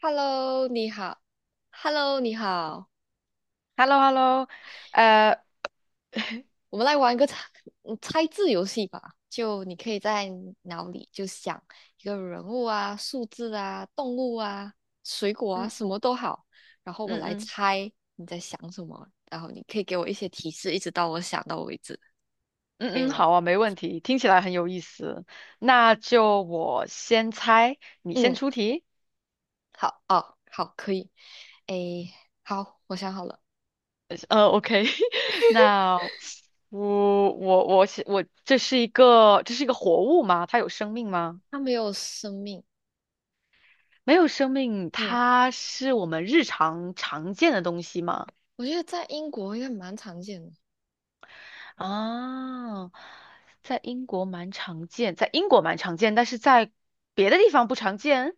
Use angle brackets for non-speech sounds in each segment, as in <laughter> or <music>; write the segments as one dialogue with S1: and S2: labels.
S1: Hello，你好。Hello，你好。
S2: h e l l o h e l l o 呃，
S1: 我们来玩一个猜字游戏吧。就你可以在脑里就想一个人物啊、数字啊、动物啊、水果啊，
S2: 嗯
S1: 什么都好。然后我
S2: 嗯
S1: 来
S2: 嗯
S1: 猜你在想什么，然后你可以给我一些提示，一直到我想到为止，可以
S2: 嗯，
S1: 吗？
S2: 好啊，没问题，听起来很有意思。那就我先猜，你先
S1: 嗯，
S2: 出题。
S1: 好哦，好，可以。诶，好，我想好了。
S2: OK，<laughs> 那我，这是一个活物吗？它有生命吗？
S1: 它没有生命。
S2: 没有生命，
S1: 嗯，
S2: 它是我们日常常见的东西吗？
S1: 我觉得在英国应该蛮常见的。
S2: 啊，在英国蛮常见，在英国蛮常见，但是在别的地方不常见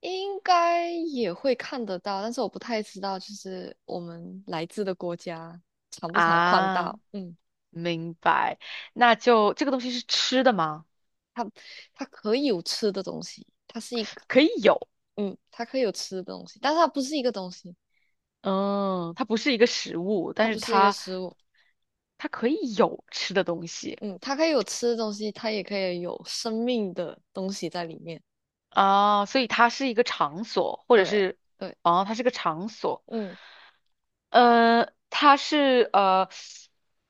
S1: 应该也会看得到，但是我不太知道，就是我们来自的国家常不常看
S2: 啊。
S1: 到。嗯，
S2: 明白。那就这个东西是吃的吗？
S1: 它它可以有吃的东西，它是一个。
S2: 可以有，
S1: 嗯，它可以有吃的东西，但是它不是一个东西，
S2: 嗯，它不是一个食物，
S1: 它
S2: 但是
S1: 不是一个
S2: 它
S1: 食物。
S2: 它可以有吃的东西
S1: 嗯，它可以有吃的东西，它也可以有生命的东西在里面。
S2: 啊，所以它是一个场所，或者
S1: 对，
S2: 是
S1: 对。
S2: 哦，它是个场所。
S1: 嗯，
S2: 它是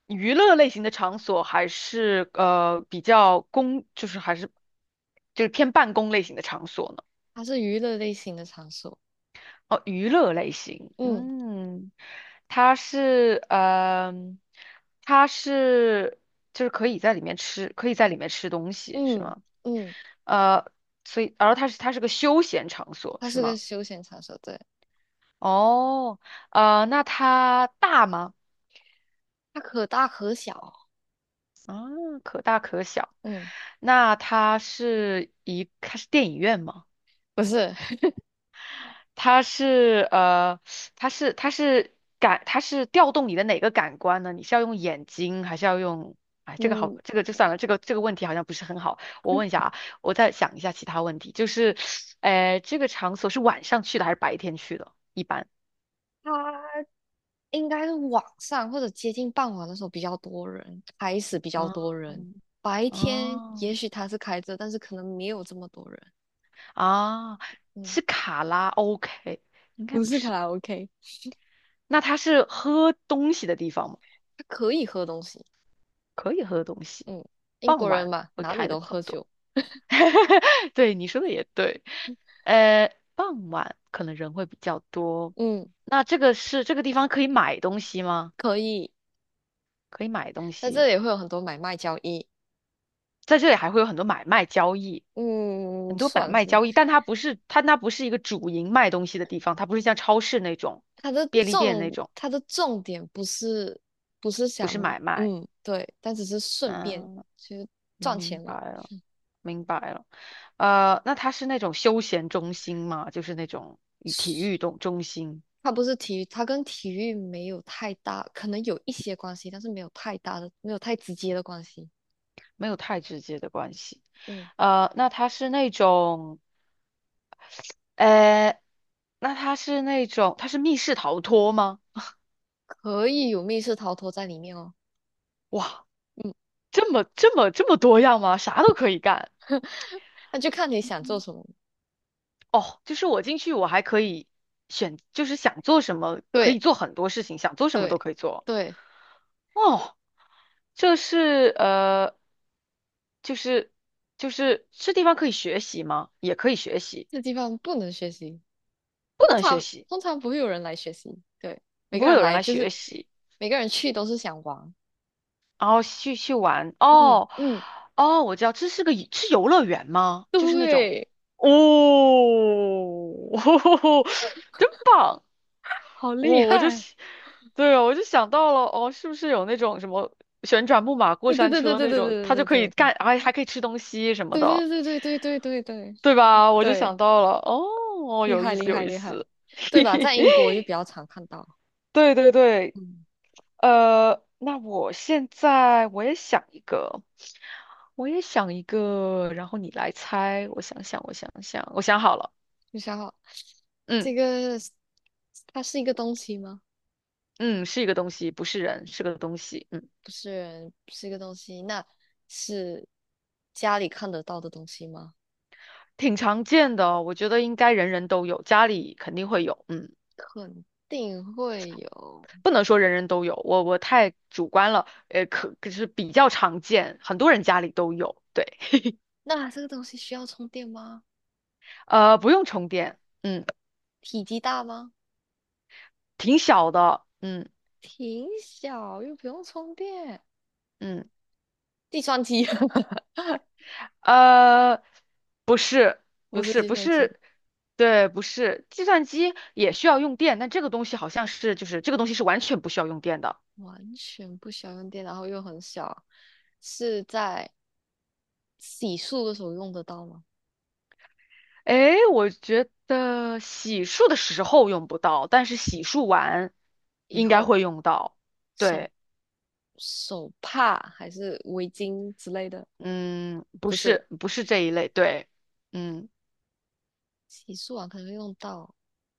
S2: 娱乐类型的场所，还是比较公，就是偏办公类型的场所呢？
S1: 它是娱乐类型的场所。
S2: 哦，娱乐类型，
S1: 嗯
S2: 嗯，它是，它是就是可以在里面吃，可以在里面吃东西，是
S1: 嗯
S2: 吗？
S1: 嗯。
S2: 呃，所以，然后它是个休闲场所，
S1: 它
S2: 是
S1: 是个
S2: 吗？
S1: 休闲场所，对，
S2: 哦，那它大吗？
S1: 它可大可小。
S2: 啊，可大可小。
S1: 嗯，
S2: 那它是一，它是电影院吗？
S1: 不是。<laughs>
S2: 它是它是它是感，它是调动你的哪个感官呢？你是要用眼睛，还是要用？哎，这个好，
S1: 嗯，
S2: 这个就算了，这个问题好像不是很好。我问一下啊，我再想一下其他问题，这个场所是晚上去的还是白天去的？一般，
S1: 他应该是晚上或者接近傍晚的时候比较多人，开始比较多人。
S2: 嗯，
S1: 白天也
S2: 哦，
S1: 许他是开着，但是可能没有这么多人。
S2: 啊，
S1: 嗯，
S2: 是卡拉 OK，应该
S1: 不
S2: 不
S1: 是卡
S2: 是。
S1: 拉 OK，
S2: 那它是喝东西的地方吗？
S1: 他可以喝东西。
S2: 可以喝东西，
S1: 嗯，英国
S2: 傍
S1: 人
S2: 晚
S1: 嘛，
S2: 会
S1: 哪里
S2: 开的
S1: 都
S2: 比较
S1: 喝
S2: 多。
S1: 酒。
S2: <laughs> 对，你说的也对。傍晚可能人会比较多。
S1: 嗯，
S2: 那这个是这个地方可以买东西吗？
S1: 可以，
S2: 可以买东
S1: 在这
S2: 西，
S1: 里会有很多买卖交易。
S2: 在这里还会有很多买卖交易，
S1: 嗯，
S2: 很多买
S1: 算
S2: 卖
S1: 是
S2: 交易，但它那不是一个主营卖东西的地方，它不是像超市那种、便利店那种，
S1: 他的重点不是不是
S2: 不
S1: 想，
S2: 是买卖。
S1: 嗯，对，但只是顺便，
S2: 嗯，
S1: 其实赚
S2: 明
S1: 钱
S2: 白
S1: 嘛。
S2: 了，明白了。那它是那种休闲中心吗？就是那种体育动中心。
S1: 它不是体育，它跟体育没有太大，可能有一些关系，但是没有太大的，没有太直接的关系。
S2: 没有太直接的关系。
S1: 嗯，
S2: 呃，那它是那种，呃，那它是那种，它是密室逃脱吗？
S1: 可以有密室逃脱在里面哦。
S2: 哇，
S1: 嗯，
S2: 这么多样吗？啥都可以干。
S1: 那就看你想做什么。
S2: 哦，就是我进去，我还可以选，就是想做什么可
S1: 对
S2: 以做很多事情，想做什么
S1: 对
S2: 都可以做。
S1: 对，
S2: 哦，这是就是就是这地方可以学习吗？也可以学习，
S1: 这地方不能学习，
S2: 不
S1: 通
S2: 能学
S1: 常
S2: 习，
S1: 通常不会有人来学习。对，每
S2: 不
S1: 个
S2: 会
S1: 人
S2: 有人
S1: 来
S2: 来
S1: 就
S2: 学
S1: 是
S2: 习。
S1: 每个人去都是想玩。
S2: 然后去玩。
S1: 嗯
S2: 哦，
S1: 嗯，
S2: 哦，我知道，这是个是游乐园吗？就是那种，
S1: 对，
S2: 哦，<laughs> 真棒！
S1: 好厉
S2: 我、我就
S1: 害。
S2: 喜，对啊，我就想到了，哦，是不是有那种什么旋转木马过
S1: 对对
S2: 山
S1: 对对
S2: 车
S1: 对
S2: 那种，
S1: 对
S2: 它就
S1: 对
S2: 可以
S1: 对对
S2: 干，还可以吃东西什么
S1: 对
S2: 的，
S1: 对对对对对对对
S2: 对吧？我就
S1: 对。
S2: 想到了，哦，
S1: 厉
S2: 有
S1: 害
S2: 意
S1: 厉
S2: 思，有
S1: 害
S2: 意
S1: 厉害，
S2: 思，<laughs>
S1: 对吧？在英国就比较常看到。
S2: 对对对。
S1: 嗯，
S2: 那我现在我也想一个，然后你来猜。我想想，我想好了。
S1: 你想好。
S2: 嗯
S1: 这个是它是一个东西吗？
S2: 嗯，是一个东西，不是人，是个东西。嗯，
S1: 不是，不是一个东西，那是家里看得到的东西吗？
S2: 挺常见的哦，我觉得应该人人都有，家里肯定会有。嗯，
S1: 肯定会有。
S2: 不能说人人都有，我太主观了。可是比较常见，很多人家里都有。对，
S1: 那这个东西需要充电吗？
S2: 不用充电。嗯，
S1: 体积大吗？
S2: 挺小的。嗯
S1: 挺小，又不用充电。
S2: 嗯。
S1: 计算机。 <laughs>
S2: 呃，不是，
S1: 不是计
S2: 不
S1: 算机，
S2: 是，对，不是，计算机也需要用电，但这个东西好像是，就是这个东西是完全不需要用电的。
S1: 完全不需要用电，然后又很小，是在洗漱的时候用得到吗？
S2: 诶，我觉得洗漱的时候用不到，但是洗漱完
S1: 以
S2: 应该
S1: 后
S2: 会用到。
S1: 手
S2: 对，
S1: 手帕还是围巾之类的，
S2: 嗯，
S1: 不是。
S2: 不是这一类，对，嗯，
S1: 洗漱完可能会用到，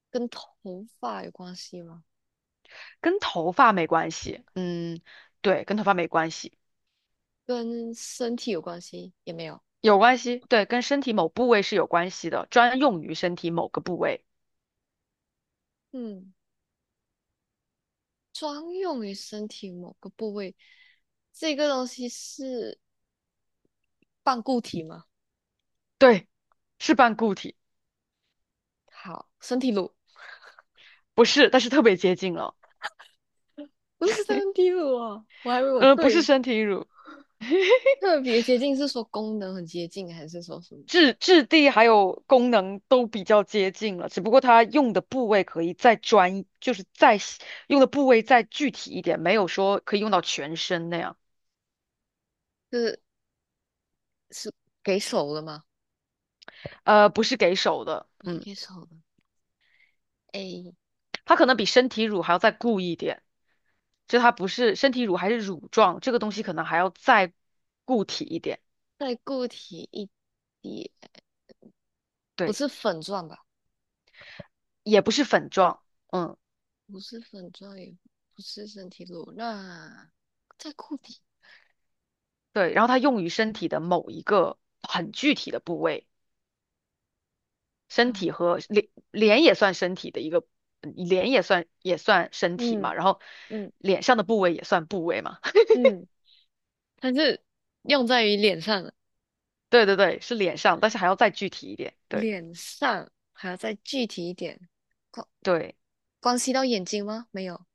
S1: 跟头发有关系吗？
S2: 跟头发没关系，嗯，对，跟头发没关系，
S1: 跟身体有关系也没有。
S2: 有关系，对，跟身体某部位是有关系的，专用于身体某个部位。
S1: 嗯，专用于身体某个部位，这个东西是半固体吗？
S2: 对。是半固体，
S1: 好，身体乳。
S2: 不是，但是特别接近了。
S1: 不是身体乳啊，我还以为我
S2: 嗯，不
S1: 对
S2: 是
S1: 了。
S2: 身体乳，
S1: 特别接近是说功能很接近，还是说什么？
S2: 质地还有功能都比较接近了，只不过它用的部位可以再专一就是再细用的部位再具体一点，没有说可以用到全身那样。
S1: 就是是给手的吗？
S2: 不是给手的，
S1: 不是
S2: 嗯，
S1: 给手的，哎，
S2: 它可能比身体乳还要再固一点，就它不是身体乳还是乳状，这个东西可能还要再固体一点，
S1: 再固体一点。不
S2: 对，
S1: 是粉状吧？
S2: 也不是粉状，嗯，
S1: 不是粉状，也不是身体乳，那再固体。
S2: 对，然后它用于身体的某一个很具体的部位。身体
S1: 嗯
S2: 和脸也算身体的一个，嗯脸也算也算身体嘛，然后
S1: 嗯嗯
S2: 脸上的部位也算部位嘛。<laughs>
S1: 嗯，它是用在于脸上的。
S2: 对对对，是脸上，但是还要再具体一点。对
S1: 脸上还要再具体一点。关
S2: 对，
S1: 关系到眼睛吗？没有，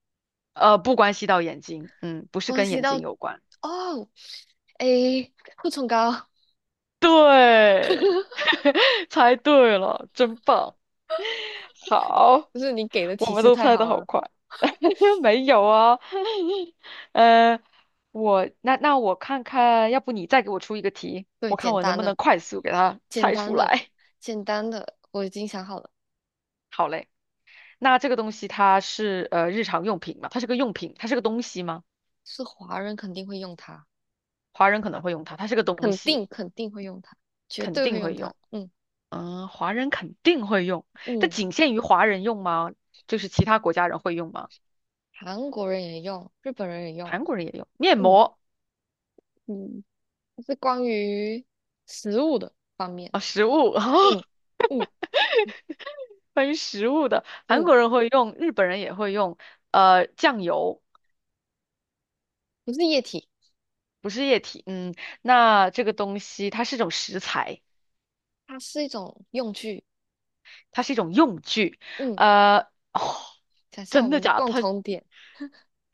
S2: 不关系到眼睛，嗯，不是
S1: 关
S2: 跟
S1: 系
S2: 眼
S1: 到，
S2: 睛有关。
S1: 哦，诶，护唇膏。
S2: 对，
S1: <laughs>
S2: <laughs> 猜对了，真棒。好，
S1: 不是你给的
S2: 我
S1: 提
S2: 们
S1: 示
S2: 都
S1: 太
S2: 猜的
S1: 好
S2: 好
S1: 了。
S2: 快。<laughs> 没有啊，<laughs> 呃，我那那我看看，要不你再给我出一个题，
S1: 对，
S2: 我看
S1: 简
S2: 我能
S1: 单
S2: 不能
S1: 的，
S2: 快速给它
S1: 简
S2: 猜
S1: 单
S2: 出
S1: 的，
S2: 来。
S1: 简单的，我已经想好了。
S2: 好嘞，那这个东西它是日常用品嘛？它是个用品，它是个东西吗？
S1: 是华人肯定会用它，
S2: 华人可能会用它，它是个东
S1: 肯
S2: 西，
S1: 定肯定会用它，绝
S2: 肯
S1: 对会
S2: 定
S1: 用
S2: 会
S1: 它。
S2: 用。
S1: 嗯
S2: 嗯，华人肯定会用，这
S1: 嗯，
S2: 仅限于华人用吗？就是其他国家人会用吗？
S1: 韩国人也用，日本人也用。
S2: 韩国人也用面
S1: 嗯
S2: 膜
S1: 嗯，是关于食物的方面。
S2: 啊，食物
S1: 嗯
S2: <laughs>，
S1: 嗯
S2: 关于食物的，韩
S1: 嗯，
S2: 国人会用，日本人也会用，酱油
S1: 不是液体，
S2: 不是液体，嗯，那这个东西它是一种食材，
S1: 它是一种用具。
S2: 它是一种用具，
S1: 嗯，
S2: 呃，哦
S1: 想象我
S2: 真
S1: 们
S2: 的
S1: 的
S2: 假的？
S1: 共
S2: 它
S1: 同点。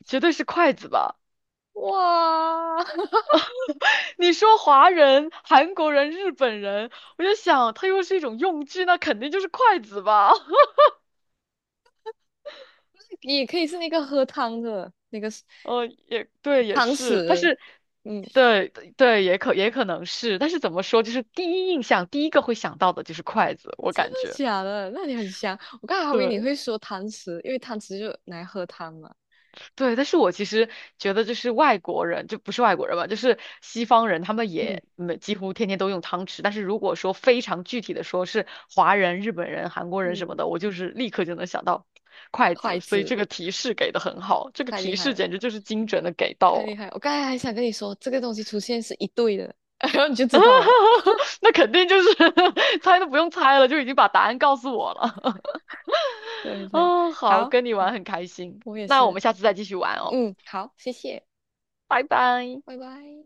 S2: 绝对是筷子吧？
S1: 哇，<laughs>
S2: 你说华人、韩国人、日本人，我就想它又是一种用具，那肯定就是筷子吧？<laughs>
S1: 也可以是那个喝汤的那个
S2: 也对，也
S1: 汤
S2: 是，但
S1: 匙。
S2: 是，
S1: 嗯，
S2: 对对，也可能是，但是怎么说，就是第一印象，第一个会想到的就是筷子，我
S1: 真的
S2: 感觉。
S1: 假的？那你很香。我刚才还以为你
S2: 对
S1: 会说汤匙，因为汤匙就拿来喝汤嘛。
S2: 对，但是我其实觉得，就是外国人，就不是外国人吧，就是西方人，他们
S1: 嗯。
S2: 也没几乎天天都用汤匙。但是如果说非常具体的说，是华人、日本人、韩国人什么
S1: 嗯，
S2: 的，我就是立刻就能想到筷子。
S1: 筷
S2: 所以
S1: 子
S2: 这个提示给的很好，这个
S1: 太厉
S2: 提
S1: 害
S2: 示
S1: 了，
S2: 简直就是精准的给到
S1: 太厉
S2: 了。
S1: 害了。我刚才还想跟你说，这个东西出现是一对的，<laughs> 然后你就知道了。
S2: <laughs> 那肯定就是 <laughs> 猜都不用猜了，就已经把答案告诉我了。
S1: 对
S2: <laughs>
S1: 对，
S2: 哦，好，
S1: 好
S2: 跟你玩
S1: 好，
S2: 很开心，
S1: 我也
S2: 那我
S1: 是。
S2: 们下次再继续玩哦，
S1: 嗯，好，谢谢，
S2: 拜拜。
S1: 拜拜。